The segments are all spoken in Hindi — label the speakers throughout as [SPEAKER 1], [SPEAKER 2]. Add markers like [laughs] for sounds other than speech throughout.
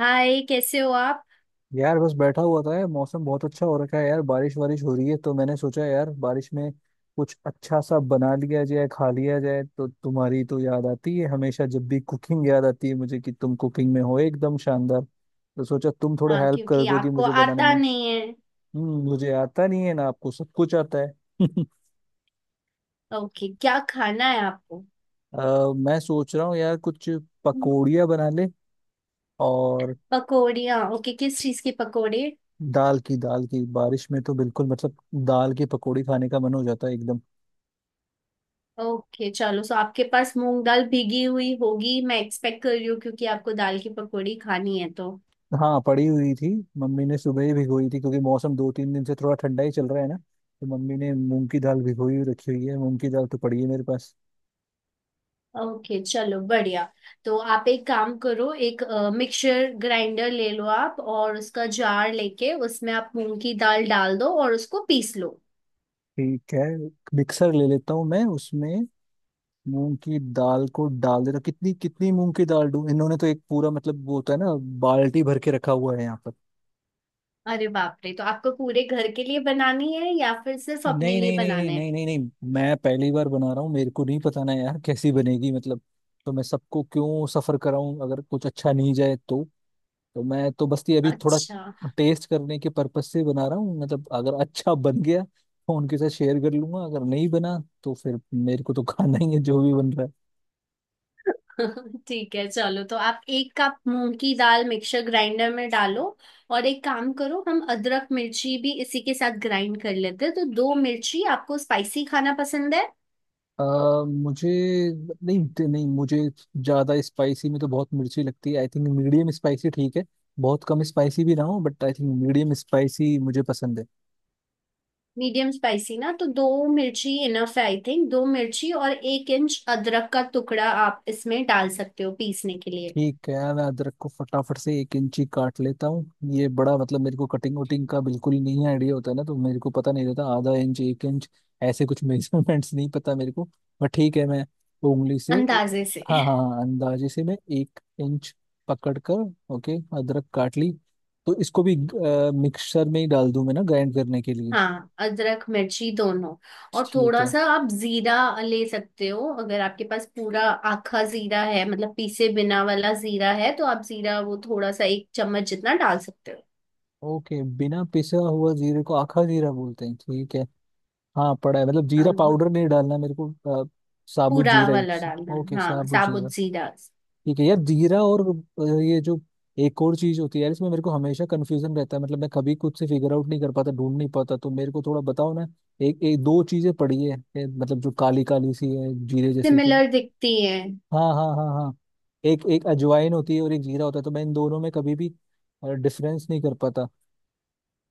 [SPEAKER 1] हाय, कैसे हो आप।
[SPEAKER 2] यार बस बैठा हुआ था यार। मौसम बहुत अच्छा हो रखा है यार, बारिश वारिश हो रही है तो मैंने सोचा यार बारिश में कुछ अच्छा सा बना लिया जाए, खा लिया जाए। तो तुम्हारी तो याद आती है हमेशा, जब भी कुकिंग याद आती है मुझे कि तुम कुकिंग में हो एकदम शानदार। तो सोचा तुम थोड़े
[SPEAKER 1] हाँ,
[SPEAKER 2] हेल्प कर
[SPEAKER 1] क्योंकि
[SPEAKER 2] दोगी
[SPEAKER 1] आपको
[SPEAKER 2] मुझे बनाने
[SPEAKER 1] आता
[SPEAKER 2] में।
[SPEAKER 1] नहीं है।
[SPEAKER 2] मुझे आता नहीं है ना, आपको सब कुछ आता है। [laughs]
[SPEAKER 1] ओके, क्या खाना है आपको।
[SPEAKER 2] मैं सोच रहा हूँ यार कुछ पकौड़ियाँ बना ले। और
[SPEAKER 1] पकौड़ियाँ। ओके, किस चीज के पकौड़े।
[SPEAKER 2] दाल की बारिश में तो बिल्कुल मतलब दाल की पकौड़ी खाने का मन हो जाता है एकदम।
[SPEAKER 1] ओके चलो, सो आपके पास मूंग दाल भीगी हुई होगी, मैं एक्सपेक्ट कर रही हूँ, क्योंकि आपको दाल की पकौड़ी खानी है तो।
[SPEAKER 2] हाँ, पड़ी हुई थी। मम्मी ने सुबह ही भिगोई थी क्योंकि मौसम 2-3 दिन से थोड़ा ठंडा ही चल रहा है ना। तो मम्मी ने मूंग की दाल भिगोई हुई रखी हुई है, मूंग की दाल तो पड़ी है मेरे पास।
[SPEAKER 1] ओके चलो, बढ़िया। तो आप एक काम करो, एक मिक्सर ग्राइंडर ले लो आप, और उसका जार लेके उसमें आप मूंग की दाल डाल दो, और उसको पीस लो।
[SPEAKER 2] ठीक है, मिक्सर ले लेता हूँ मैं, उसमें मूंग की दाल को डाल देता हूँ। कितनी कितनी मूंग की दाल दूँ? इन्होंने तो एक पूरा मतलब वो होता है ना, बाल्टी भर के रखा हुआ है यहाँ पर।
[SPEAKER 1] अरे बाप रे, तो आपको पूरे घर के लिए बनानी है या फिर सिर्फ अपने
[SPEAKER 2] नहीं
[SPEAKER 1] लिए
[SPEAKER 2] नहीं नहीं नहीं
[SPEAKER 1] बनाना है।
[SPEAKER 2] नहीं नहीं नहीं, मैं पहली बार बना रहा हूँ, मेरे को नहीं पता ना यार कैसी बनेगी, मतलब। तो मैं सबको क्यों सफर कराऊं अगर कुछ अच्छा नहीं जाए तो। तो मैं तो बस ये अभी थोड़ा
[SPEAKER 1] अच्छा।
[SPEAKER 2] टेस्ट करने के पर्पज से बना रहा हूँ, मतलब अगर अच्छा बन गया तो उनके साथ शेयर कर लूंगा, अगर नहीं बना तो फिर मेरे को तो खाना ही है, जो भी बन रहा है।
[SPEAKER 1] [laughs] ठीक है चलो, तो आप 1 कप मूंग की दाल मिक्सर ग्राइंडर में डालो। और एक काम करो, हम अदरक मिर्ची भी इसी के साथ ग्राइंड कर लेते हैं, तो दो मिर्ची। आपको स्पाइसी खाना पसंद है।
[SPEAKER 2] मुझे... नहीं नहीं, मुझे ज्यादा स्पाइसी में तो बहुत मिर्ची लगती है, आई थिंक मीडियम स्पाइसी ठीक है। बहुत कम स्पाइसी भी ना हो, but I think medium spicy मुझे पसंद है।
[SPEAKER 1] मीडियम स्पाइसी ना, तो दो मिर्ची इनफ है आई थिंक। दो मिर्ची और 1 इंच अदरक का टुकड़ा आप इसमें डाल सकते हो पीसने के लिए।
[SPEAKER 2] ठीक है, मैं अदरक को फटाफट से 1 इंची काट लेता हूँ। ये बड़ा मतलब, मेरे को कटिंग वटिंग का बिल्कुल नहीं आइडिया होता है ना, तो मेरे को पता नहीं रहता, आधा इंच, 1 इंच, ऐसे कुछ [laughs] मेजरमेंट्स नहीं पता मेरे को। बट ठीक है, मैं उंगली से...
[SPEAKER 1] अंदाजे से।
[SPEAKER 2] हाँ हाँ
[SPEAKER 1] [laughs]
[SPEAKER 2] हाँ, अंदाजे से मैं 1 इंच पकड़ कर, ओके, अदरक काट ली। तो इसको भी मिक्सर में ही डाल दूँ मैं ना, ग्राइंड करने के लिए।
[SPEAKER 1] हाँ, अदरक मिर्ची दोनों, और
[SPEAKER 2] ठीक
[SPEAKER 1] थोड़ा
[SPEAKER 2] है।
[SPEAKER 1] सा आप जीरा ले सकते हो। अगर आपके पास पूरा आखा जीरा है, मतलब पीसे बिना वाला जीरा है, तो आप जीरा वो थोड़ा सा 1 चम्मच जितना डाल सकते हो।
[SPEAKER 2] ओके, बिना पिसा हुआ जीरे को आखा जीरा बोलते हैं, ठीक है। हाँ, पड़ा है, मतलब जीरा
[SPEAKER 1] अम,
[SPEAKER 2] पाउडर नहीं डालना मेरे को। अ, साबुत
[SPEAKER 1] पूरा
[SPEAKER 2] जीरा ही।
[SPEAKER 1] वाला डालना है,
[SPEAKER 2] ओके,
[SPEAKER 1] हाँ
[SPEAKER 2] साबुत जीरा।
[SPEAKER 1] साबुत जीरा।
[SPEAKER 2] ठीक है यार, जीरा और ये जो एक और चीज होती है यार, इसमें मेरे को हमेशा कंफ्यूजन रहता है, मतलब मैं कभी खुद से फिगर आउट नहीं कर पाता, ढूंढ नहीं पाता, तो मेरे को थोड़ा बताओ ना। एक एक दो चीजें पड़ी है, मतलब जो काली काली सी है जीरे जैसी, तो...
[SPEAKER 1] सिमिलर दिखती है।
[SPEAKER 2] हाँ हाँ हाँ हाँ, एक एक अजवाइन होती है और एक जीरा होता है, तो मैं इन दोनों में कभी भी डिफरेंस नहीं कर पाता।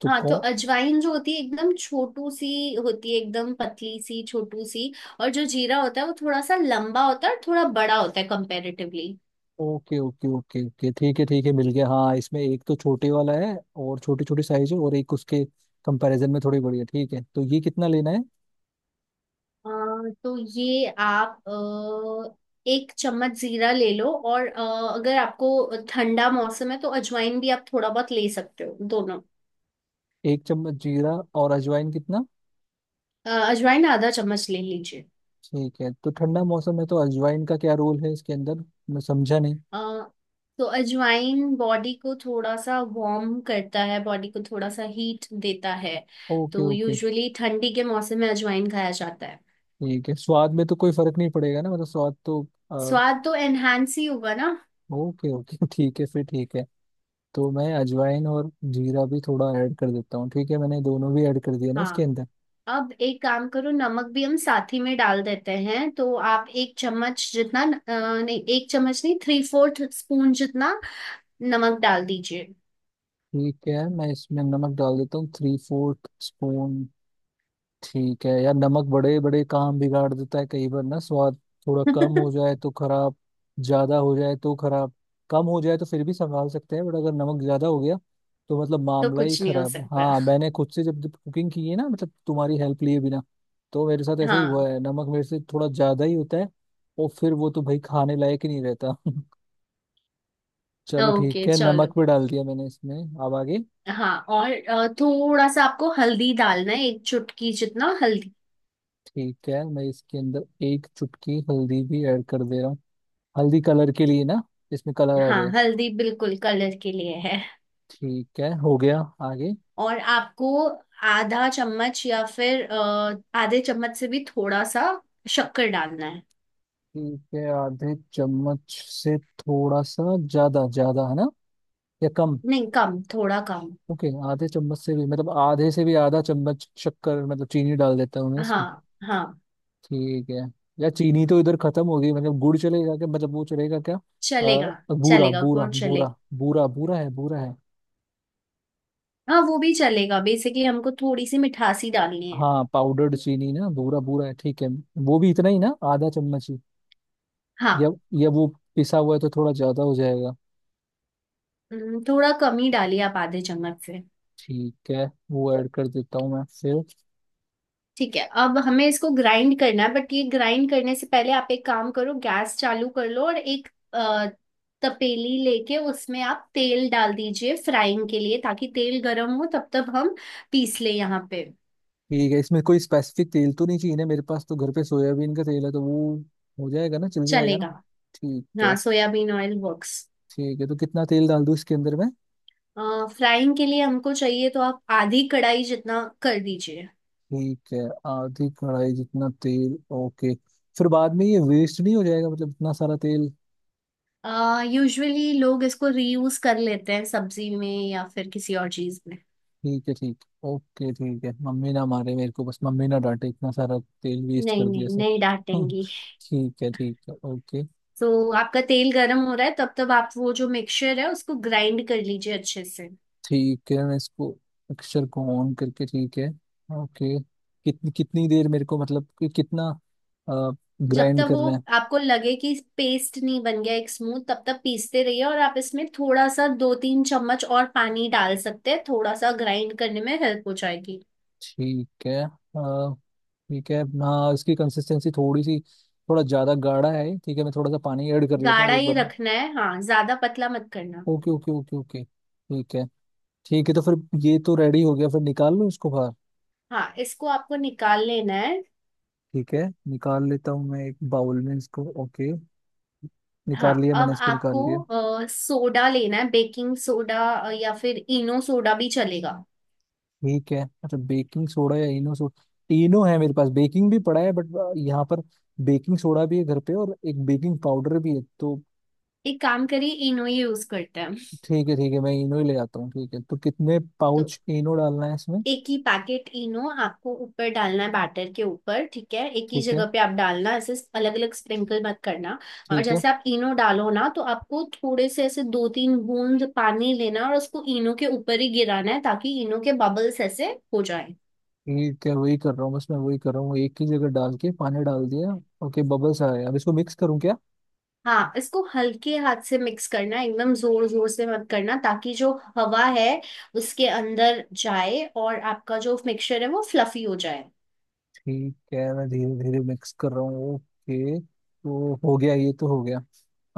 [SPEAKER 2] तो
[SPEAKER 1] हाँ, तो
[SPEAKER 2] कौन...
[SPEAKER 1] अजवाइन जो होती है एकदम छोटू सी होती है, एकदम पतली सी, छोटू सी। और जो जीरा होता है वो थोड़ा सा लंबा होता है, और थोड़ा बड़ा होता है comparatively.
[SPEAKER 2] Okay okay okay okay, ठीक है ठीक है, मिल गया। हाँ, इसमें एक तो छोटे वाला है और छोटी छोटी साइज है, और एक उसके कंपैरिजन में थोड़ी बड़ी है, ठीक है। तो ये कितना लेना है?
[SPEAKER 1] अ, तो ये आप एक चम्मच जीरा ले लो, और अगर आपको ठंडा मौसम है तो अजवाइन भी आप थोड़ा बहुत ले सकते हो दोनों।
[SPEAKER 2] 1 चम्मच जीरा, और अजवाइन कितना?
[SPEAKER 1] अजवाइन ½ चम्मच ले लीजिए।
[SPEAKER 2] ठीक है, तो ठंडा मौसम है तो अजवाइन का क्या रोल है इसके अंदर? मैं समझा नहीं।
[SPEAKER 1] अ, तो अजवाइन बॉडी को थोड़ा सा वार्म करता है, बॉडी को थोड़ा सा हीट देता है।
[SPEAKER 2] ओके
[SPEAKER 1] तो
[SPEAKER 2] ओके।
[SPEAKER 1] यूजुअली ठंडी के मौसम में अजवाइन खाया जाता है।
[SPEAKER 2] ठीक है, स्वाद में तो कोई फर्क नहीं पड़ेगा ना? मतलब स्वाद तो... आ,
[SPEAKER 1] स्वाद तो एनहांस ही होगा ना।
[SPEAKER 2] Okay okay. [laughs] ठीक है फिर, ठीक है। तो मैं अजवाइन और जीरा भी थोड़ा ऐड कर देता हूँ। ठीक है, मैंने दोनों भी ऐड कर दिया ना इसके
[SPEAKER 1] हाँ,
[SPEAKER 2] अंदर।
[SPEAKER 1] अब एक काम करो, नमक भी हम साथ ही में डाल देते हैं। तो आप एक चम्मच जितना, नहीं एक चम्मच नहीं, थ्री फोर्थ स्पून जितना नमक डाल दीजिए।
[SPEAKER 2] ठीक है, मैं इसमें नमक डाल देता हूँ, 3/4 स्पून। ठीक है यार, नमक बड़े बड़े काम बिगाड़ देता है कई बार ना, स्वाद। थोड़ा कम
[SPEAKER 1] [laughs]
[SPEAKER 2] हो जाए तो खराब, ज्यादा हो जाए तो खराब। कम हो जाए तो फिर भी संभाल सकते हैं, बट अगर नमक ज्यादा हो गया तो मतलब
[SPEAKER 1] तो
[SPEAKER 2] मामला ही
[SPEAKER 1] कुछ नहीं हो
[SPEAKER 2] खराब।
[SPEAKER 1] सकता।
[SPEAKER 2] हाँ, मैंने खुद से जब जब कुकिंग की है ना, मतलब तुम्हारी हेल्प लिए बिना, तो मेरे साथ ऐसे ही
[SPEAKER 1] हाँ,
[SPEAKER 2] हुआ है, नमक मेरे से थोड़ा ज्यादा ही होता है। और फिर वो तो भाई खाने लायक ही नहीं रहता। [laughs] चलो
[SPEAKER 1] ओके
[SPEAKER 2] ठीक है,
[SPEAKER 1] चलो।
[SPEAKER 2] नमक भी डाल दिया मैंने इसमें, अब आगे।
[SPEAKER 1] हाँ, और थोड़ा सा आपको हल्दी डालना है, 1 चुटकी जितना हल्दी।
[SPEAKER 2] ठीक है, मैं इसके अंदर एक चुटकी हल्दी भी ऐड कर दे रहा हूँ। हल्दी कलर के लिए ना, इसमें कलर आ
[SPEAKER 1] हाँ,
[SPEAKER 2] जाए।
[SPEAKER 1] हल्दी बिल्कुल कलर के लिए है।
[SPEAKER 2] ठीक है, हो गया। आगे।
[SPEAKER 1] और आपको ½ चम्मच या फिर आधे चम्मच से भी थोड़ा सा शक्कर डालना है।
[SPEAKER 2] ठीक है, आधे चम्मच से थोड़ा सा ज्यादा, ज्यादा है ना या कम?
[SPEAKER 1] नहीं, कम, थोड़ा कम।
[SPEAKER 2] ओके, आधे चम्मच से भी मतलब आधे से भी आधा चम्मच शक्कर मतलब चीनी डाल देता हूँ मैं इसमें।
[SPEAKER 1] हाँ हाँ,
[SPEAKER 2] ठीक है। या चीनी तो इधर खत्म हो गई, मतलब गुड़ चलेगा क्या, मतलब वो चलेगा क्या?
[SPEAKER 1] चलेगा।
[SPEAKER 2] अ, बूरा
[SPEAKER 1] चलेगा,
[SPEAKER 2] बूरा
[SPEAKER 1] गुड़ चलेगा।
[SPEAKER 2] बूरा बूरा, बूरा है, बूरा है।
[SPEAKER 1] हाँ, वो भी चलेगा, बेसिकली हमको थोड़ी सी मिठासी डालनी है।
[SPEAKER 2] हाँ, पाउडर्ड चीनी ना, भूरा भूरा है, ठीक है। वो भी इतना ही ना, आधा चम्मच ही? या
[SPEAKER 1] हाँ।
[SPEAKER 2] या वो पिसा हुआ है तो थोड़ा ज्यादा हो जाएगा।
[SPEAKER 1] थोड़ा कम ही डालिए आप आधे चम्मच से।
[SPEAKER 2] ठीक है, वो ऐड कर देता हूँ मैं फिर।
[SPEAKER 1] ठीक है, अब हमें इसको ग्राइंड करना है, बट ये ग्राइंड करने से पहले आप एक काम करो, गैस चालू कर लो, और एक अ, तपेली लेके उसमें आप तेल डाल दीजिए फ्राइंग के लिए, ताकि तेल गर्म हो, तब तक हम पीस ले यहाँ पे।
[SPEAKER 2] ठीक है, इसमें कोई स्पेसिफिक तेल तो नहीं चाहिए ना? मेरे पास तो घर पे सोयाबीन का तेल है, तो वो हो जाएगा ना, चल जाएगा ना?
[SPEAKER 1] चलेगा।
[SPEAKER 2] ठीक है।
[SPEAKER 1] हाँ, सोयाबीन ऑयल वर्क्स।
[SPEAKER 2] ठीक है, तो कितना तेल डाल दूँ इसके अंदर में?
[SPEAKER 1] फ्राइंग के लिए हमको चाहिए, तो आप आधी कढ़ाई जितना कर दीजिए।
[SPEAKER 2] ठीक है, आधी कढ़ाई जितना तेल, ओके। फिर बाद में ये वेस्ट नहीं हो जाएगा, मतलब इतना सारा तेल?
[SPEAKER 1] यूजुअली लोग इसको रीयूज कर लेते हैं, सब्जी में या फिर किसी और चीज में।
[SPEAKER 2] ठीक है, ठीक, ओके, ठीक है। मम्मी ना मारे मेरे को, बस मम्मी ना डांटे इतना सारा तेल वेस्ट
[SPEAKER 1] नहीं
[SPEAKER 2] कर दिया
[SPEAKER 1] नहीं,
[SPEAKER 2] से।
[SPEAKER 1] नहीं डांटेंगी।
[SPEAKER 2] [laughs] ठीक है ओके।
[SPEAKER 1] तो आपका तेल गर्म हो रहा है, तब तक आप वो जो मिक्सचर है उसको ग्राइंड कर लीजिए अच्छे से।
[SPEAKER 2] ठीक है, मैं इसको अक्षर को ऑन करके, ठीक है, ओके। कितनी कितनी देर मेरे को मतलब, कि कितना
[SPEAKER 1] जब
[SPEAKER 2] ग्राइंड
[SPEAKER 1] तक वो
[SPEAKER 2] करना है?
[SPEAKER 1] आपको लगे कि पेस्ट नहीं बन गया एक स्मूथ, तब तक पीसते रहिए। और आप इसमें थोड़ा सा 2-3 चम्मच और पानी डाल सकते हैं, थोड़ा सा ग्राइंड करने में हेल्प हो जाएगी।
[SPEAKER 2] ठीक है। ठीक है, हाँ, इसकी कंसिस्टेंसी थोड़ी सी, थोड़ा ज़्यादा गाढ़ा है ये, ठीक है, मैं थोड़ा सा पानी ऐड कर लेता हूँ
[SPEAKER 1] गाढ़ा
[SPEAKER 2] एक
[SPEAKER 1] ही
[SPEAKER 2] बार।
[SPEAKER 1] रखना है, हाँ ज्यादा पतला मत करना।
[SPEAKER 2] Okay okay okay okay. ठीक है। ठीक है तो फिर ये तो रेडी हो गया, फिर निकाल लो इसको बाहर।
[SPEAKER 1] हाँ, इसको आपको निकाल लेना है।
[SPEAKER 2] ठीक है, निकाल लेता हूँ मैं एक बाउल में इसको, ओके।
[SPEAKER 1] हाँ,
[SPEAKER 2] निकाल लिया मैंने
[SPEAKER 1] अब
[SPEAKER 2] इसको,
[SPEAKER 1] आपको
[SPEAKER 2] निकाल लिया।
[SPEAKER 1] सोडा लेना है, बेकिंग सोडा, या फिर इनो सोडा भी चलेगा।
[SPEAKER 2] ठीक है, अच्छा, बेकिंग सोडा या इनो सोडा, तीनों है मेरे पास। बेकिंग भी पड़ा है बट यहाँ पर, बेकिंग सोडा भी है घर पे, और एक बेकिंग पाउडर भी है, तो
[SPEAKER 1] एक काम करिए, इनो ही यूज करते हैं।
[SPEAKER 2] ठीक है। ठीक है, मैं इनो ही ले आता हूँ। ठीक है, तो कितने
[SPEAKER 1] तो
[SPEAKER 2] पाउच इनो डालना है इसमें?
[SPEAKER 1] एक ही पैकेट इनो आपको ऊपर डालना है बैटर के ऊपर, ठीक है। एक ही
[SPEAKER 2] ठीक है।
[SPEAKER 1] जगह पे आप डालना, ऐसे अलग अलग स्प्रिंकल मत करना। और
[SPEAKER 2] ठीक है,
[SPEAKER 1] जैसे आप इनो डालो ना, तो आपको थोड़े से ऐसे 2-3 बूंद पानी लेना, और उसको इनो के ऊपर ही गिराना है, ताकि इनो के बबल्स ऐसे हो जाए।
[SPEAKER 2] ठीक है वही कर रहा हूँ बस, मैं वही कर रहा हूँ, एक ही जगह डाल के पानी डाल दिया। ओके, बबल्स आ गए, अब इसको मिक्स करूँ क्या?
[SPEAKER 1] हाँ, इसको हल्के हाथ से मिक्स करना है, एकदम जोर जोर से मत करना, ताकि जो हवा है उसके अंदर जाए और आपका जो मिक्सचर है वो फ्लफी हो जाए।
[SPEAKER 2] ठीक है, मैं धीरे धीरे मिक्स कर रहा हूँ, ओके। तो हो गया, ये तो हो गया।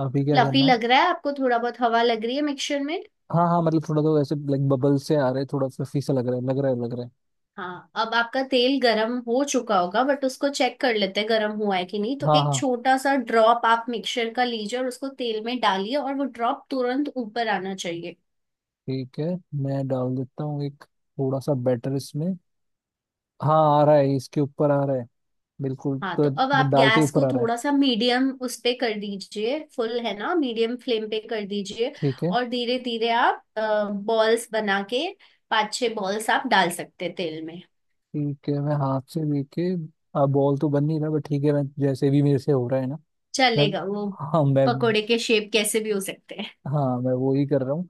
[SPEAKER 2] अभी क्या
[SPEAKER 1] फ्लफी
[SPEAKER 2] करना
[SPEAKER 1] लग
[SPEAKER 2] है?
[SPEAKER 1] रहा है आपको? थोड़ा बहुत हवा लग रही है मिक्सचर में।
[SPEAKER 2] हाँ हाँ, मतलब थोड़ा तो वैसे लाइक बबल से आ रहे हैं, थोड़ा फ्लफी सा लग रहा है, लग रहा है, लग रहा है।
[SPEAKER 1] हाँ, अब आपका तेल गरम हो चुका होगा, बट उसको चेक कर लेते हैं गरम हुआ है कि नहीं। तो
[SPEAKER 2] हाँ
[SPEAKER 1] एक
[SPEAKER 2] हाँ,
[SPEAKER 1] छोटा सा ड्रॉप आप मिक्सचर का लीजिए, और उसको तेल में डालिए, और वो ड्रॉप तुरंत ऊपर आना चाहिए।
[SPEAKER 2] ठीक है, मैं डाल देता हूँ एक थोड़ा सा बैटर इसमें। हाँ, आ रहा है, इसके ऊपर आ रहा है बिल्कुल,
[SPEAKER 1] हाँ,
[SPEAKER 2] तो
[SPEAKER 1] तो अब
[SPEAKER 2] मतलब
[SPEAKER 1] आप
[SPEAKER 2] डालते ही
[SPEAKER 1] गैस को
[SPEAKER 2] ऊपर आ रहा है।
[SPEAKER 1] थोड़ा सा मीडियम उस पे कर दीजिए, फुल है ना, मीडियम फ्लेम पे कर दीजिए।
[SPEAKER 2] ठीक है।
[SPEAKER 1] और धीरे धीरे आप बॉल्स बना के 5-6 बॉल्स आप डाल सकते हैं तेल में।
[SPEAKER 2] ठीक है, मैं हाथ से लेके बॉल तो बन नहीं रहा, बट ठीक है, मैं जैसे भी मेरे से हो रहा है ना। मैं...
[SPEAKER 1] चलेगा वो,
[SPEAKER 2] हाँ। मैं...
[SPEAKER 1] पकोड़े के शेप कैसे भी हो सकते हैं।
[SPEAKER 2] हाँ, मैं वो ही कर रहा हूँ।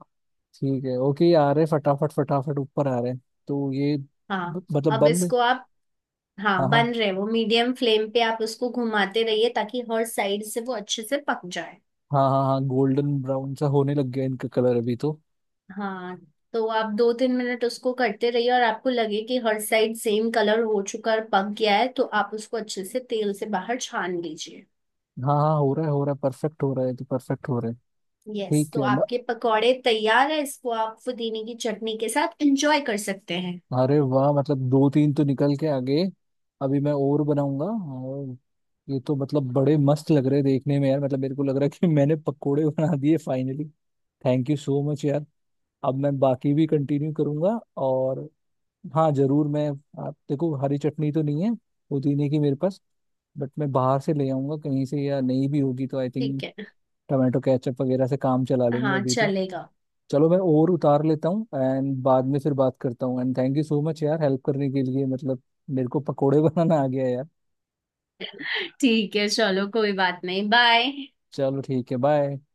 [SPEAKER 2] ठीक है। ओके, ये आ रहे फटाफट फटाफट ऊपर आ रहे हैं, तो ये
[SPEAKER 1] हाँ,
[SPEAKER 2] मतलब
[SPEAKER 1] अब
[SPEAKER 2] बन रहे।
[SPEAKER 1] इसको आप,
[SPEAKER 2] हाँ
[SPEAKER 1] हाँ
[SPEAKER 2] हाँ
[SPEAKER 1] बन रहे, वो मीडियम फ्लेम पे आप उसको घुमाते रहिए, ताकि हर साइड से वो अच्छे से पक जाए।
[SPEAKER 2] हाँ हाँ हाँ, गोल्डन ब्राउन सा होने लग गया इनका कलर अभी तो।
[SPEAKER 1] हाँ, तो आप 2-3 मिनट उसको करते रहिए, और आपको लगे कि हर साइड सेम कलर हो चुका और पक गया है, तो आप उसको अच्छे से तेल से बाहर छान लीजिए।
[SPEAKER 2] हाँ हाँ, हो रहा है हो रहा है, परफेक्ट हो रहा है, तो परफेक्ट हो रहा है।
[SPEAKER 1] यस,
[SPEAKER 2] ठीक
[SPEAKER 1] तो
[SPEAKER 2] है।
[SPEAKER 1] आपके पकौड़े तैयार है, इसको आप पुदीने की चटनी के साथ एंजॉय कर सकते हैं।
[SPEAKER 2] अरे वाह, मतलब दो तीन तो निकल के आगे, अभी मैं और बनाऊंगा। और ये तो मतलब बड़े मस्त लग रहे हैं देखने में यार, मतलब मेरे को लग रहा है कि [laughs] मैंने पकोड़े बना दिए finally. Thank you so much यार। अब मैं बाकी भी कंटिन्यू करूंगा, और... हाँ, जरूर। मैं... आप देखो, हरी चटनी तो नहीं है पुदीने की मेरे पास, बट मैं बाहर से ले आऊंगा कहीं से, या नहीं भी होगी तो आई
[SPEAKER 1] ठीक
[SPEAKER 2] थिंक
[SPEAKER 1] है।
[SPEAKER 2] टमाटो केचप वगैरह से काम चला लेंगे
[SPEAKER 1] हाँ
[SPEAKER 2] अभी तो।
[SPEAKER 1] चलेगा।
[SPEAKER 2] चलो, मैं और उतार लेता हूँ, एंड बाद में फिर बात करता हूँ। And thank you so much यार, हेल्प करने के लिए, मतलब मेरे को पकोड़े [laughs] बनाना आ गया यार।
[SPEAKER 1] ठीक है चलो, कोई बात नहीं, बाय।
[SPEAKER 2] चलो ठीक है, बाय।